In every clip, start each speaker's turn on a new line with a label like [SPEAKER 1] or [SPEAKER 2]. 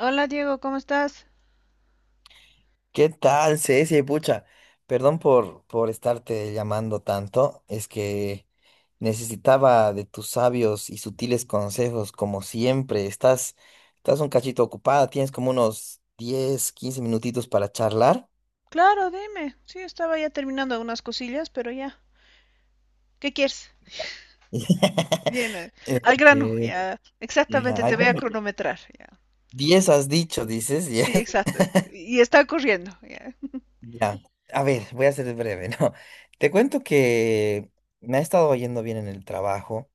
[SPEAKER 1] Hola Diego, ¿cómo estás?
[SPEAKER 2] ¿Qué tal, Ceci? Pucha, perdón por estarte llamando tanto. Es que necesitaba de tus sabios y sutiles consejos, como siempre. Estás un cachito ocupada, tienes como unos 10 15 minutitos para charlar.
[SPEAKER 1] Claro, dime. Sí, estaba ya terminando unas cosillas, pero ya. ¿Qué quieres? Bien, al grano,
[SPEAKER 2] Este,
[SPEAKER 1] ya. Exactamente,
[SPEAKER 2] ya,
[SPEAKER 1] te
[SPEAKER 2] ay,
[SPEAKER 1] voy a
[SPEAKER 2] bueno,
[SPEAKER 1] cronometrar, ya.
[SPEAKER 2] 10 has dicho, dices. Ya,
[SPEAKER 1] Sí, exacto. Y está corriendo, ya.
[SPEAKER 2] ya. A ver, voy a ser breve, ¿no? Te cuento que me ha estado yendo bien en el trabajo.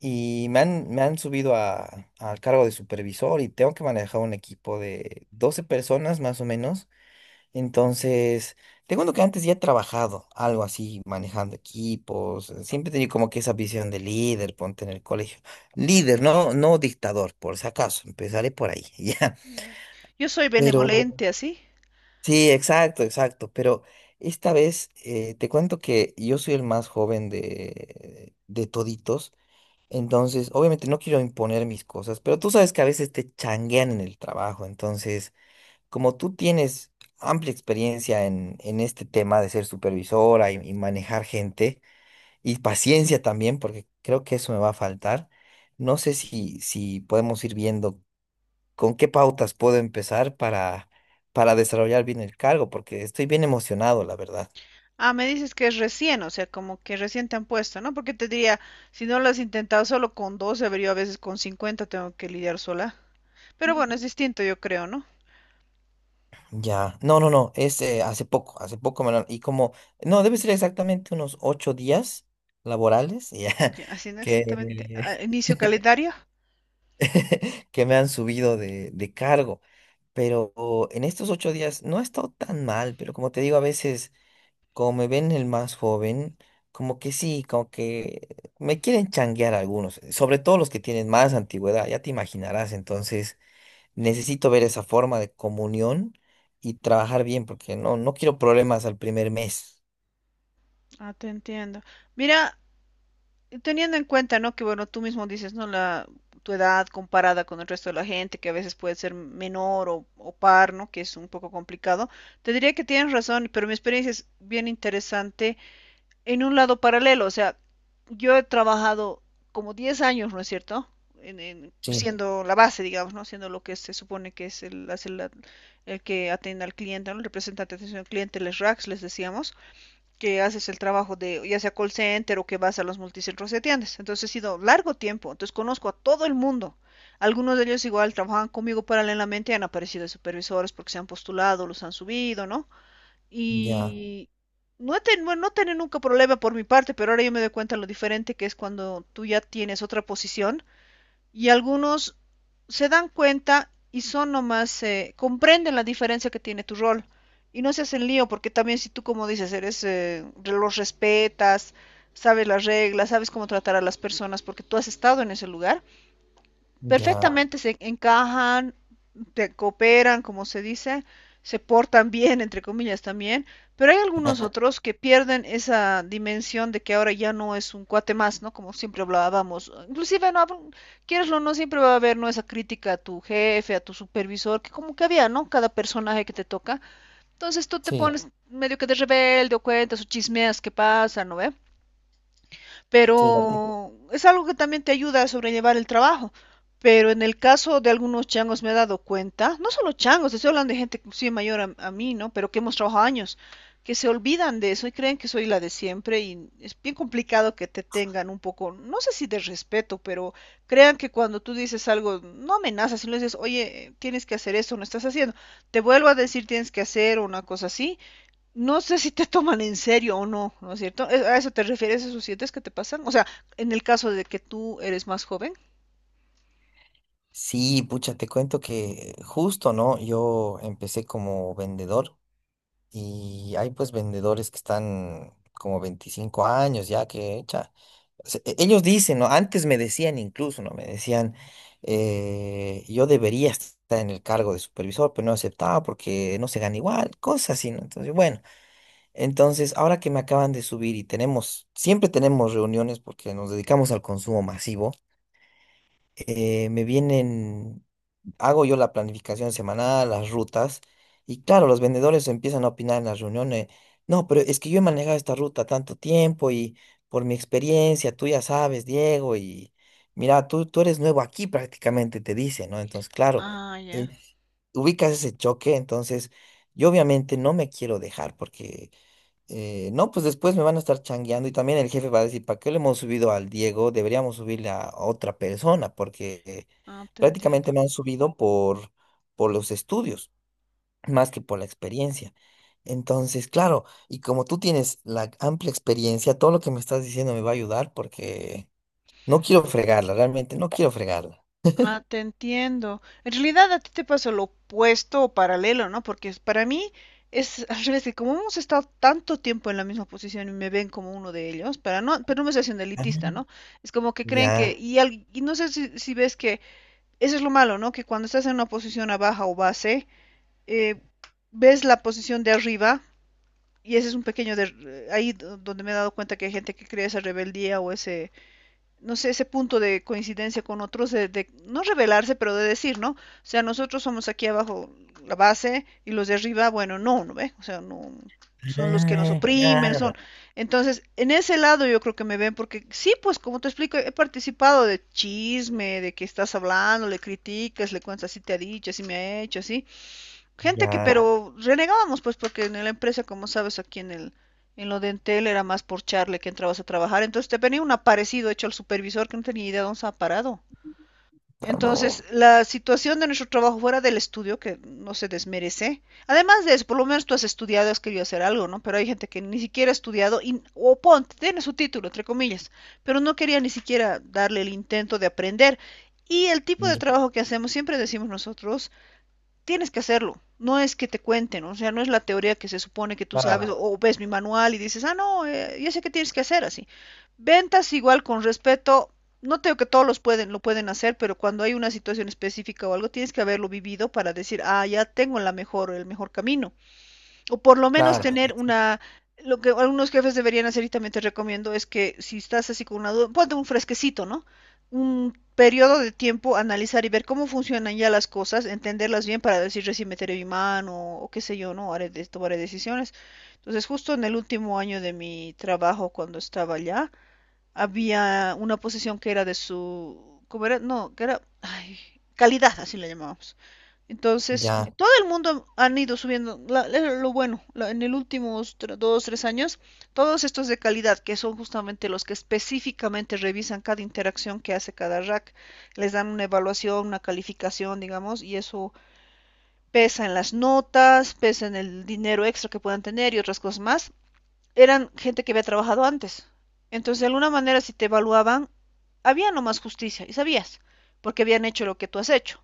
[SPEAKER 2] Y me han subido al cargo de supervisor y tengo que manejar un equipo de 12 personas más o menos. Entonces, tengo uno que antes ya he trabajado, algo así, manejando equipos. Siempre he tenido como que esa visión de líder, ponte en el colegio. Líder, no, no dictador, por si acaso. Empezaré por ahí, ya.
[SPEAKER 1] Ya. Yo soy
[SPEAKER 2] Pero,
[SPEAKER 1] benevolente, así.
[SPEAKER 2] sí, exacto, exacto. Pero esta vez te cuento que yo soy el más joven de toditos. Entonces, obviamente no quiero imponer mis cosas, pero tú sabes que a veces te changuean en el trabajo. Entonces, como tú tienes amplia experiencia en este tema de ser supervisora y manejar gente, y paciencia también, porque creo que eso me va a faltar, no sé si podemos ir viendo con qué pautas puedo empezar para desarrollar bien el cargo, porque estoy bien emocionado, la verdad.
[SPEAKER 1] Ah, me dices que es recién, o sea, como que recién te han puesto, ¿no? Porque te diría, si no lo has intentado solo con 12, pero yo a veces con 50, tengo que lidiar sola. Pero bueno, es distinto, yo creo, ¿no?
[SPEAKER 2] Ya, no, no, no, es hace poco, no, debe ser exactamente unos 8 días laborales ya,
[SPEAKER 1] Ya, haciendo exactamente, ah,
[SPEAKER 2] que,
[SPEAKER 1] inicio calendario.
[SPEAKER 2] que me han subido de cargo, pero en estos 8 días no ha estado tan mal, pero como te digo, a veces, como me ven el más joven, como que sí, como que me quieren changuear algunos, sobre todo los que tienen más antigüedad, ya te imaginarás, entonces necesito ver esa forma de comunión y trabajar bien, porque no quiero problemas al primer mes.
[SPEAKER 1] Ah, te entiendo. Mira, teniendo en cuenta, ¿no? Que bueno, tú mismo dices, ¿no? Tu edad comparada con el resto de la gente, que a veces puede ser menor o par, ¿no? Que es un poco complicado. Te diría que tienes razón, pero mi experiencia es bien interesante en un lado paralelo. O sea, yo he trabajado como 10 años, ¿no es cierto?
[SPEAKER 2] Sí,
[SPEAKER 1] Siendo la base, digamos, ¿no? Siendo lo que se supone que es el que atiende al cliente, ¿no? El representante de atención al cliente, les RACs, les decíamos que haces el trabajo de ya sea call center o que vas a los multicentros de tiendas. Entonces ha sido largo tiempo, entonces conozco a todo el mundo. Algunos de ellos igual trabajan conmigo paralelamente y han aparecido de supervisores porque se han postulado, los han subido, ¿no?
[SPEAKER 2] ya,
[SPEAKER 1] Y bueno, no tener nunca problema por mi parte, pero ahora yo me doy cuenta lo diferente que es cuando tú ya tienes otra posición y algunos se dan cuenta y son nomás, comprenden la diferencia que tiene tu rol y no se hacen lío porque también si tú, como dices, eres, los respetas, sabes las reglas, sabes cómo tratar a las personas porque tú has estado en ese lugar,
[SPEAKER 2] ya.
[SPEAKER 1] perfectamente se encajan, te cooperan, como se dice, se portan bien, entre comillas también, pero hay algunos otros que pierden esa dimensión de que ahora ya no es un cuate más, ¿no? Como siempre hablábamos. Inclusive, no, quieres o no, siempre va a haber, ¿no? Esa crítica a tu jefe, a tu supervisor, que como que había, ¿no? Cada personaje que te toca. Entonces tú te
[SPEAKER 2] Sí,
[SPEAKER 1] pones medio que de rebelde o cuentas o chismeas qué pasa, ¿no ve?
[SPEAKER 2] sí,
[SPEAKER 1] Pero es algo que también te ayuda a sobrellevar el trabajo. Pero en el caso de algunos changos me he dado cuenta, no solo changos, estoy hablando de gente inclusive mayor a mí, ¿no? Pero que hemos trabajado años, que se olvidan de eso y creen que soy la de siempre y es bien complicado que te tengan un poco, no sé si de respeto, pero crean que cuando tú dices algo, no amenazas, sino dices, oye, tienes que hacer eso, no estás haciendo, te vuelvo a decir tienes que hacer o una cosa así, no sé si te toman en serio o no, ¿no es cierto? ¿A eso te refieres, esos siete que te pasan? O sea, en el caso de que tú eres más joven.
[SPEAKER 2] sí, pucha, te cuento que justo, ¿no? Yo empecé como vendedor y hay pues vendedores que están como 25 años ya que, ellos dicen, ¿no? Antes me decían incluso, ¿no? Me decían, yo debería estar en el cargo de supervisor, pero no aceptaba porque no se gana igual, cosas así, ¿no? Entonces, bueno, entonces ahora que me acaban de subir y siempre tenemos reuniones porque nos dedicamos al consumo masivo, me vienen hago yo la planificación semanal, las rutas, y claro, los vendedores empiezan a opinar en las reuniones, no, pero es que yo he manejado esta ruta tanto tiempo y por mi experiencia, tú ya sabes, Diego, y mira, tú eres nuevo aquí prácticamente, te dice, ¿no? Entonces, claro,
[SPEAKER 1] Ah,
[SPEAKER 2] eh,
[SPEAKER 1] ya.
[SPEAKER 2] ubicas ese choque, entonces yo obviamente no me quiero dejar porque no, pues después me van a estar changueando y también el jefe va a decir, ¿para qué le hemos subido al Diego? Deberíamos subirle a otra persona porque
[SPEAKER 1] Ah, te entiendo.
[SPEAKER 2] prácticamente me han subido por los estudios, más que por la experiencia. Entonces, claro, y como tú tienes la amplia experiencia, todo lo que me estás diciendo me va a ayudar porque no quiero fregarla, realmente no quiero fregarla.
[SPEAKER 1] Ah, te entiendo. En realidad a ti te pasa lo opuesto o paralelo, ¿no? Porque para mí es al revés, que como hemos estado tanto tiempo en la misma posición y me ven como uno de ellos, para no, pero no me estoy haciendo
[SPEAKER 2] Ah,
[SPEAKER 1] elitista, ¿no? Es como que creen que,
[SPEAKER 2] ya,
[SPEAKER 1] y, y no sé si ves que eso es lo malo, ¿no? Que cuando estás en una posición a baja o base, eh, ves la posición de arriba y ese es un pequeño de, ahí donde me he dado cuenta que hay gente que crea esa rebeldía o ese no sé ese punto de coincidencia con otros de no rebelarse pero de decir no o sea nosotros somos aquí abajo la base y los de arriba bueno no no ve o sea no son los que nos
[SPEAKER 2] ah,
[SPEAKER 1] oprimen son
[SPEAKER 2] claro,
[SPEAKER 1] entonces en ese lado yo creo que me ven porque sí pues como te explico he participado de chisme de que estás hablando le criticas le cuentas así te ha dicho así me ha hecho así. Gente que,
[SPEAKER 2] ya,
[SPEAKER 1] pero renegábamos, pues, porque en la empresa, como sabes, aquí en el, en lo de Entel era más por charle que entrabas a trabajar. Entonces te venía un aparecido hecho al supervisor que no tenía idea de dónde estaba parado.
[SPEAKER 2] ah, no,
[SPEAKER 1] Entonces, la situación de nuestro trabajo fuera del estudio, que no se desmerece. Además de eso, por lo menos tú has estudiado, has querido hacer algo, ¿no? Pero hay gente que ni siquiera ha estudiado, y, o ponte, tiene su título, entre comillas, pero no quería ni siquiera darle el intento de aprender. Y el tipo de
[SPEAKER 2] ya,
[SPEAKER 1] trabajo que hacemos, siempre decimos nosotros, tienes que hacerlo. No es que te cuenten, o sea, no es la teoría que se supone que tú sabes
[SPEAKER 2] claro,
[SPEAKER 1] o ves mi manual y dices, ah, no, ya sé qué tienes que hacer así. Ventas igual con respeto, no tengo que todos los pueden, lo pueden hacer, pero cuando hay una situación específica o algo, tienes que haberlo vivido para decir, ah, ya tengo la mejor, el mejor camino o por lo menos claro,
[SPEAKER 2] claro,
[SPEAKER 1] tener una, lo que algunos jefes deberían hacer y también te recomiendo es que si estás así con una duda, ponte un fresquecito, ¿no? Un periodo de tiempo, analizar y ver cómo funcionan ya las cosas, entenderlas bien para decir recién meteré mi mano o qué sé yo, ¿no? Haré, tomaré decisiones. Entonces, justo en el último año de mi trabajo, cuando estaba allá, había una posición que era de su, ¿cómo era? No, que era, ay, calidad, así la llamábamos. Entonces,
[SPEAKER 2] ya,
[SPEAKER 1] todo el mundo han ido subiendo, lo bueno, en los últimos dos, tres años, todos estos de calidad, que son justamente los que específicamente revisan cada interacción que hace cada rack, les dan una evaluación, una calificación, digamos, y eso pesa en las notas, pesa en el dinero extra que puedan tener y otras cosas más eran gente que había trabajado antes. Entonces, de alguna manera, si te evaluaban, había nomás justicia, y sabías, porque habían hecho lo que tú has hecho.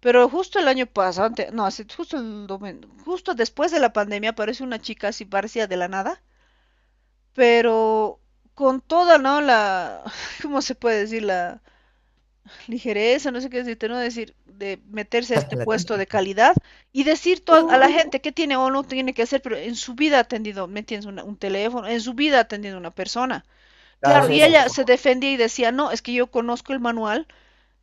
[SPEAKER 1] Pero justo el año pasado, no, justo, justo después de la pandemia, aparece una chica así parecía de la nada, pero con toda, ¿no? La, ¿cómo se puede decir? La ligereza, no sé qué decirte, no decir, de meterse a este
[SPEAKER 2] la
[SPEAKER 1] puesto de
[SPEAKER 2] típica.
[SPEAKER 1] calidad y decir a la gente qué tiene o no tiene que hacer, pero en su vida ha atendido, ¿me entiendes? Un teléfono, en su vida ha atendido una persona.
[SPEAKER 2] Claro,
[SPEAKER 1] Claro,
[SPEAKER 2] eso ya
[SPEAKER 1] y
[SPEAKER 2] es el
[SPEAKER 1] ella
[SPEAKER 2] co.
[SPEAKER 1] se defendía y decía, no, es que yo conozco el manual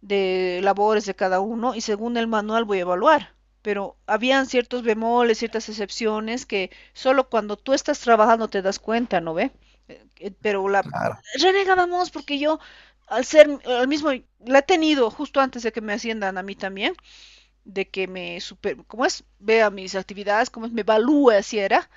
[SPEAKER 1] de labores de cada uno y según el manual voy a evaluar. Pero habían ciertos bemoles, ciertas excepciones que solo cuando tú estás trabajando te das cuenta, ¿no ve? Pero la
[SPEAKER 2] Claro,
[SPEAKER 1] renegábamos porque yo, al ser, al mismo, la he tenido justo antes de que me asciendan a mí también, de que me super, ¿cómo es? Vea mis actividades, cómo es, me evalúe, así era,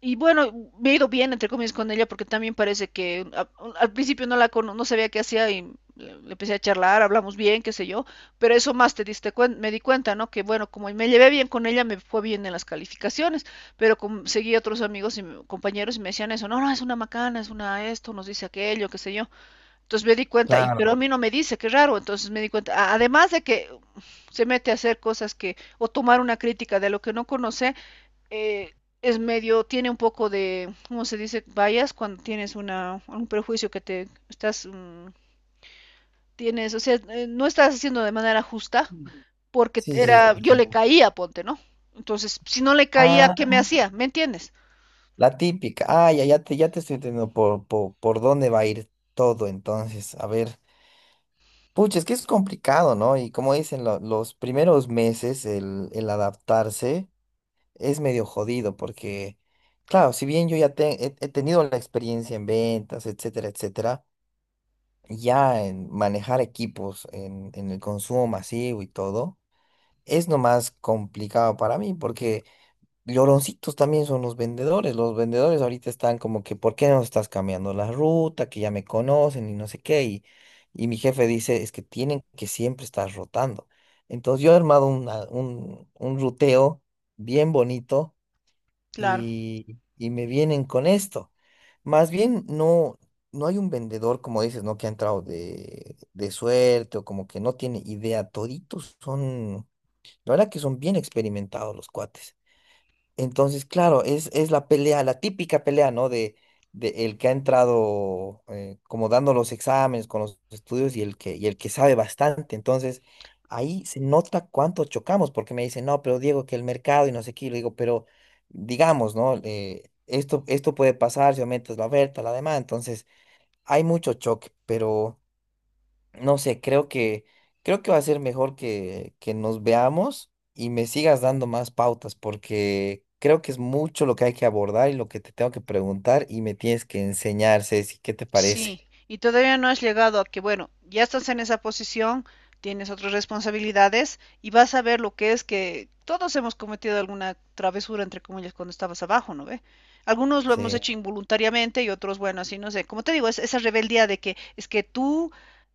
[SPEAKER 1] y bueno, me he ido bien, entre comillas, con ella porque también parece que al principio no sabía qué hacía y le empecé a charlar, hablamos bien, qué sé yo, pero eso más me di cuenta, ¿no? Que bueno, como me llevé bien con ella, me fue bien en las calificaciones, pero como seguí a otros amigos y compañeros y me decían eso, no, no, es una macana, es una esto, nos dice aquello, qué sé yo. Entonces me di cuenta, y
[SPEAKER 2] claro.
[SPEAKER 1] pero a mí no me dice, qué raro, entonces me di cuenta, además de que se mete a hacer cosas que, o tomar una crítica de lo que no conoce, eh, es medio, tiene un poco de, ¿cómo se dice? Vayas cuando tienes una, un prejuicio que te estás, tienes, o sea, no estás haciendo de manera justa,
[SPEAKER 2] Mm.
[SPEAKER 1] porque
[SPEAKER 2] Sí, sí.
[SPEAKER 1] era,
[SPEAKER 2] Sí,
[SPEAKER 1] yo le
[SPEAKER 2] sí.
[SPEAKER 1] caía, ponte, ¿no? Entonces, si no le caía,
[SPEAKER 2] Ah,
[SPEAKER 1] ¿qué me hacía? ¿Me entiendes?
[SPEAKER 2] la típica. Ah, ya, ya te estoy entendiendo por dónde va a ir todo, entonces. A ver. Pucha, es que es complicado, ¿no? Y como dicen, los primeros meses, el adaptarse es medio jodido, porque, claro, si bien yo ya he tenido la experiencia en ventas, etcétera, etcétera, ya en manejar equipos, en el consumo masivo y todo, es nomás complicado para mí, porque. Lloroncitos también son los vendedores. Los vendedores ahorita están como que, ¿por qué no estás cambiando la ruta? Que ya me conocen y no sé qué. y, mi jefe dice, es que tienen que siempre estar rotando. Entonces yo he armado un ruteo bien bonito
[SPEAKER 1] Claro.
[SPEAKER 2] y me vienen con esto. Más bien no, no hay un vendedor, como dices, ¿no? Que ha entrado de suerte o como que no tiene idea. Toditos son, la verdad que son bien experimentados los cuates. Entonces, claro, es la pelea, la típica pelea, ¿no? De el que ha entrado como dando los exámenes con los estudios y el que sabe bastante. Entonces, ahí se nota cuánto chocamos, porque me dicen, no, pero Diego, que el mercado y no sé qué, y le digo, pero digamos, ¿no? Esto puede pasar si aumentas la oferta, la demanda. Entonces, hay mucho choque, pero... No sé, creo que va a ser mejor que nos veamos y me sigas dando más pautas, porque creo que es mucho lo que hay que abordar y lo que te tengo que preguntar y me tienes que enseñar, Ceci, ¿qué te parece?
[SPEAKER 1] Sí, y todavía no has llegado a que, bueno, ya estás en esa posición, tienes otras responsabilidades y vas a ver lo que es que todos hemos cometido alguna travesura, entre comillas, cuando estabas abajo, ¿no ve? Algunos lo hemos, sí,
[SPEAKER 2] Sí.
[SPEAKER 1] hecho involuntariamente y otros, bueno, así no sé. Como te digo, es esa rebeldía de que es que tú,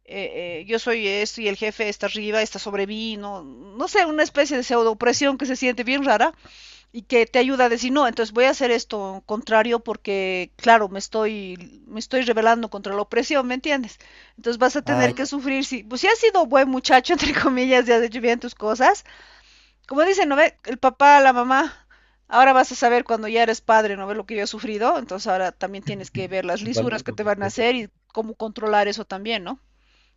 [SPEAKER 1] yo soy esto y el jefe está arriba, está sobre mí, no, no sé, una especie de pseudo opresión que se siente bien rara y que te ayuda a decir, no, entonces voy a hacer esto contrario porque, claro, me estoy rebelando contra la opresión, ¿me entiendes? Entonces vas a tener
[SPEAKER 2] Ay,
[SPEAKER 1] que sufrir, si, pues si has sido buen muchacho, entre comillas, y has hecho bien tus cosas, como dicen, ¿no ve? El papá, la mamá, ahora vas a saber cuando ya eres padre, ¿no ves lo que yo he sufrido? Entonces ahora también tienes que ver las
[SPEAKER 2] igual.
[SPEAKER 1] lisuras que te van a hacer y cómo controlar eso también, ¿no?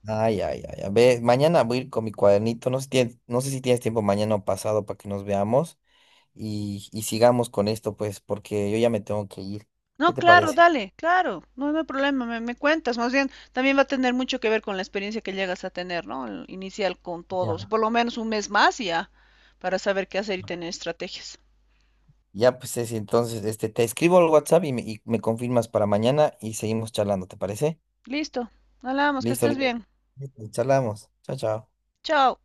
[SPEAKER 2] Ay, ay, ay. A ver, mañana voy a ir con mi cuadernito. No sé, no sé si tienes tiempo mañana o pasado para que nos veamos y sigamos con esto, pues, porque yo ya me tengo que ir. ¿Qué
[SPEAKER 1] No,
[SPEAKER 2] te
[SPEAKER 1] claro,
[SPEAKER 2] parece?
[SPEAKER 1] dale, claro, no, no hay problema, me cuentas, más bien también va a tener mucho que ver con la experiencia que llegas a tener, ¿no? El inicial con
[SPEAKER 2] Ya.
[SPEAKER 1] todos, por lo menos un mes más y ya, para saber qué hacer y tener estrategias.
[SPEAKER 2] Ya, pues Ceci, entonces, este, te escribo al WhatsApp y y me confirmas para mañana y seguimos charlando, ¿te parece?
[SPEAKER 1] Listo, hablamos, que
[SPEAKER 2] Listo,
[SPEAKER 1] estés
[SPEAKER 2] listo.
[SPEAKER 1] bien,
[SPEAKER 2] Charlamos. Chao, chao.
[SPEAKER 1] chao.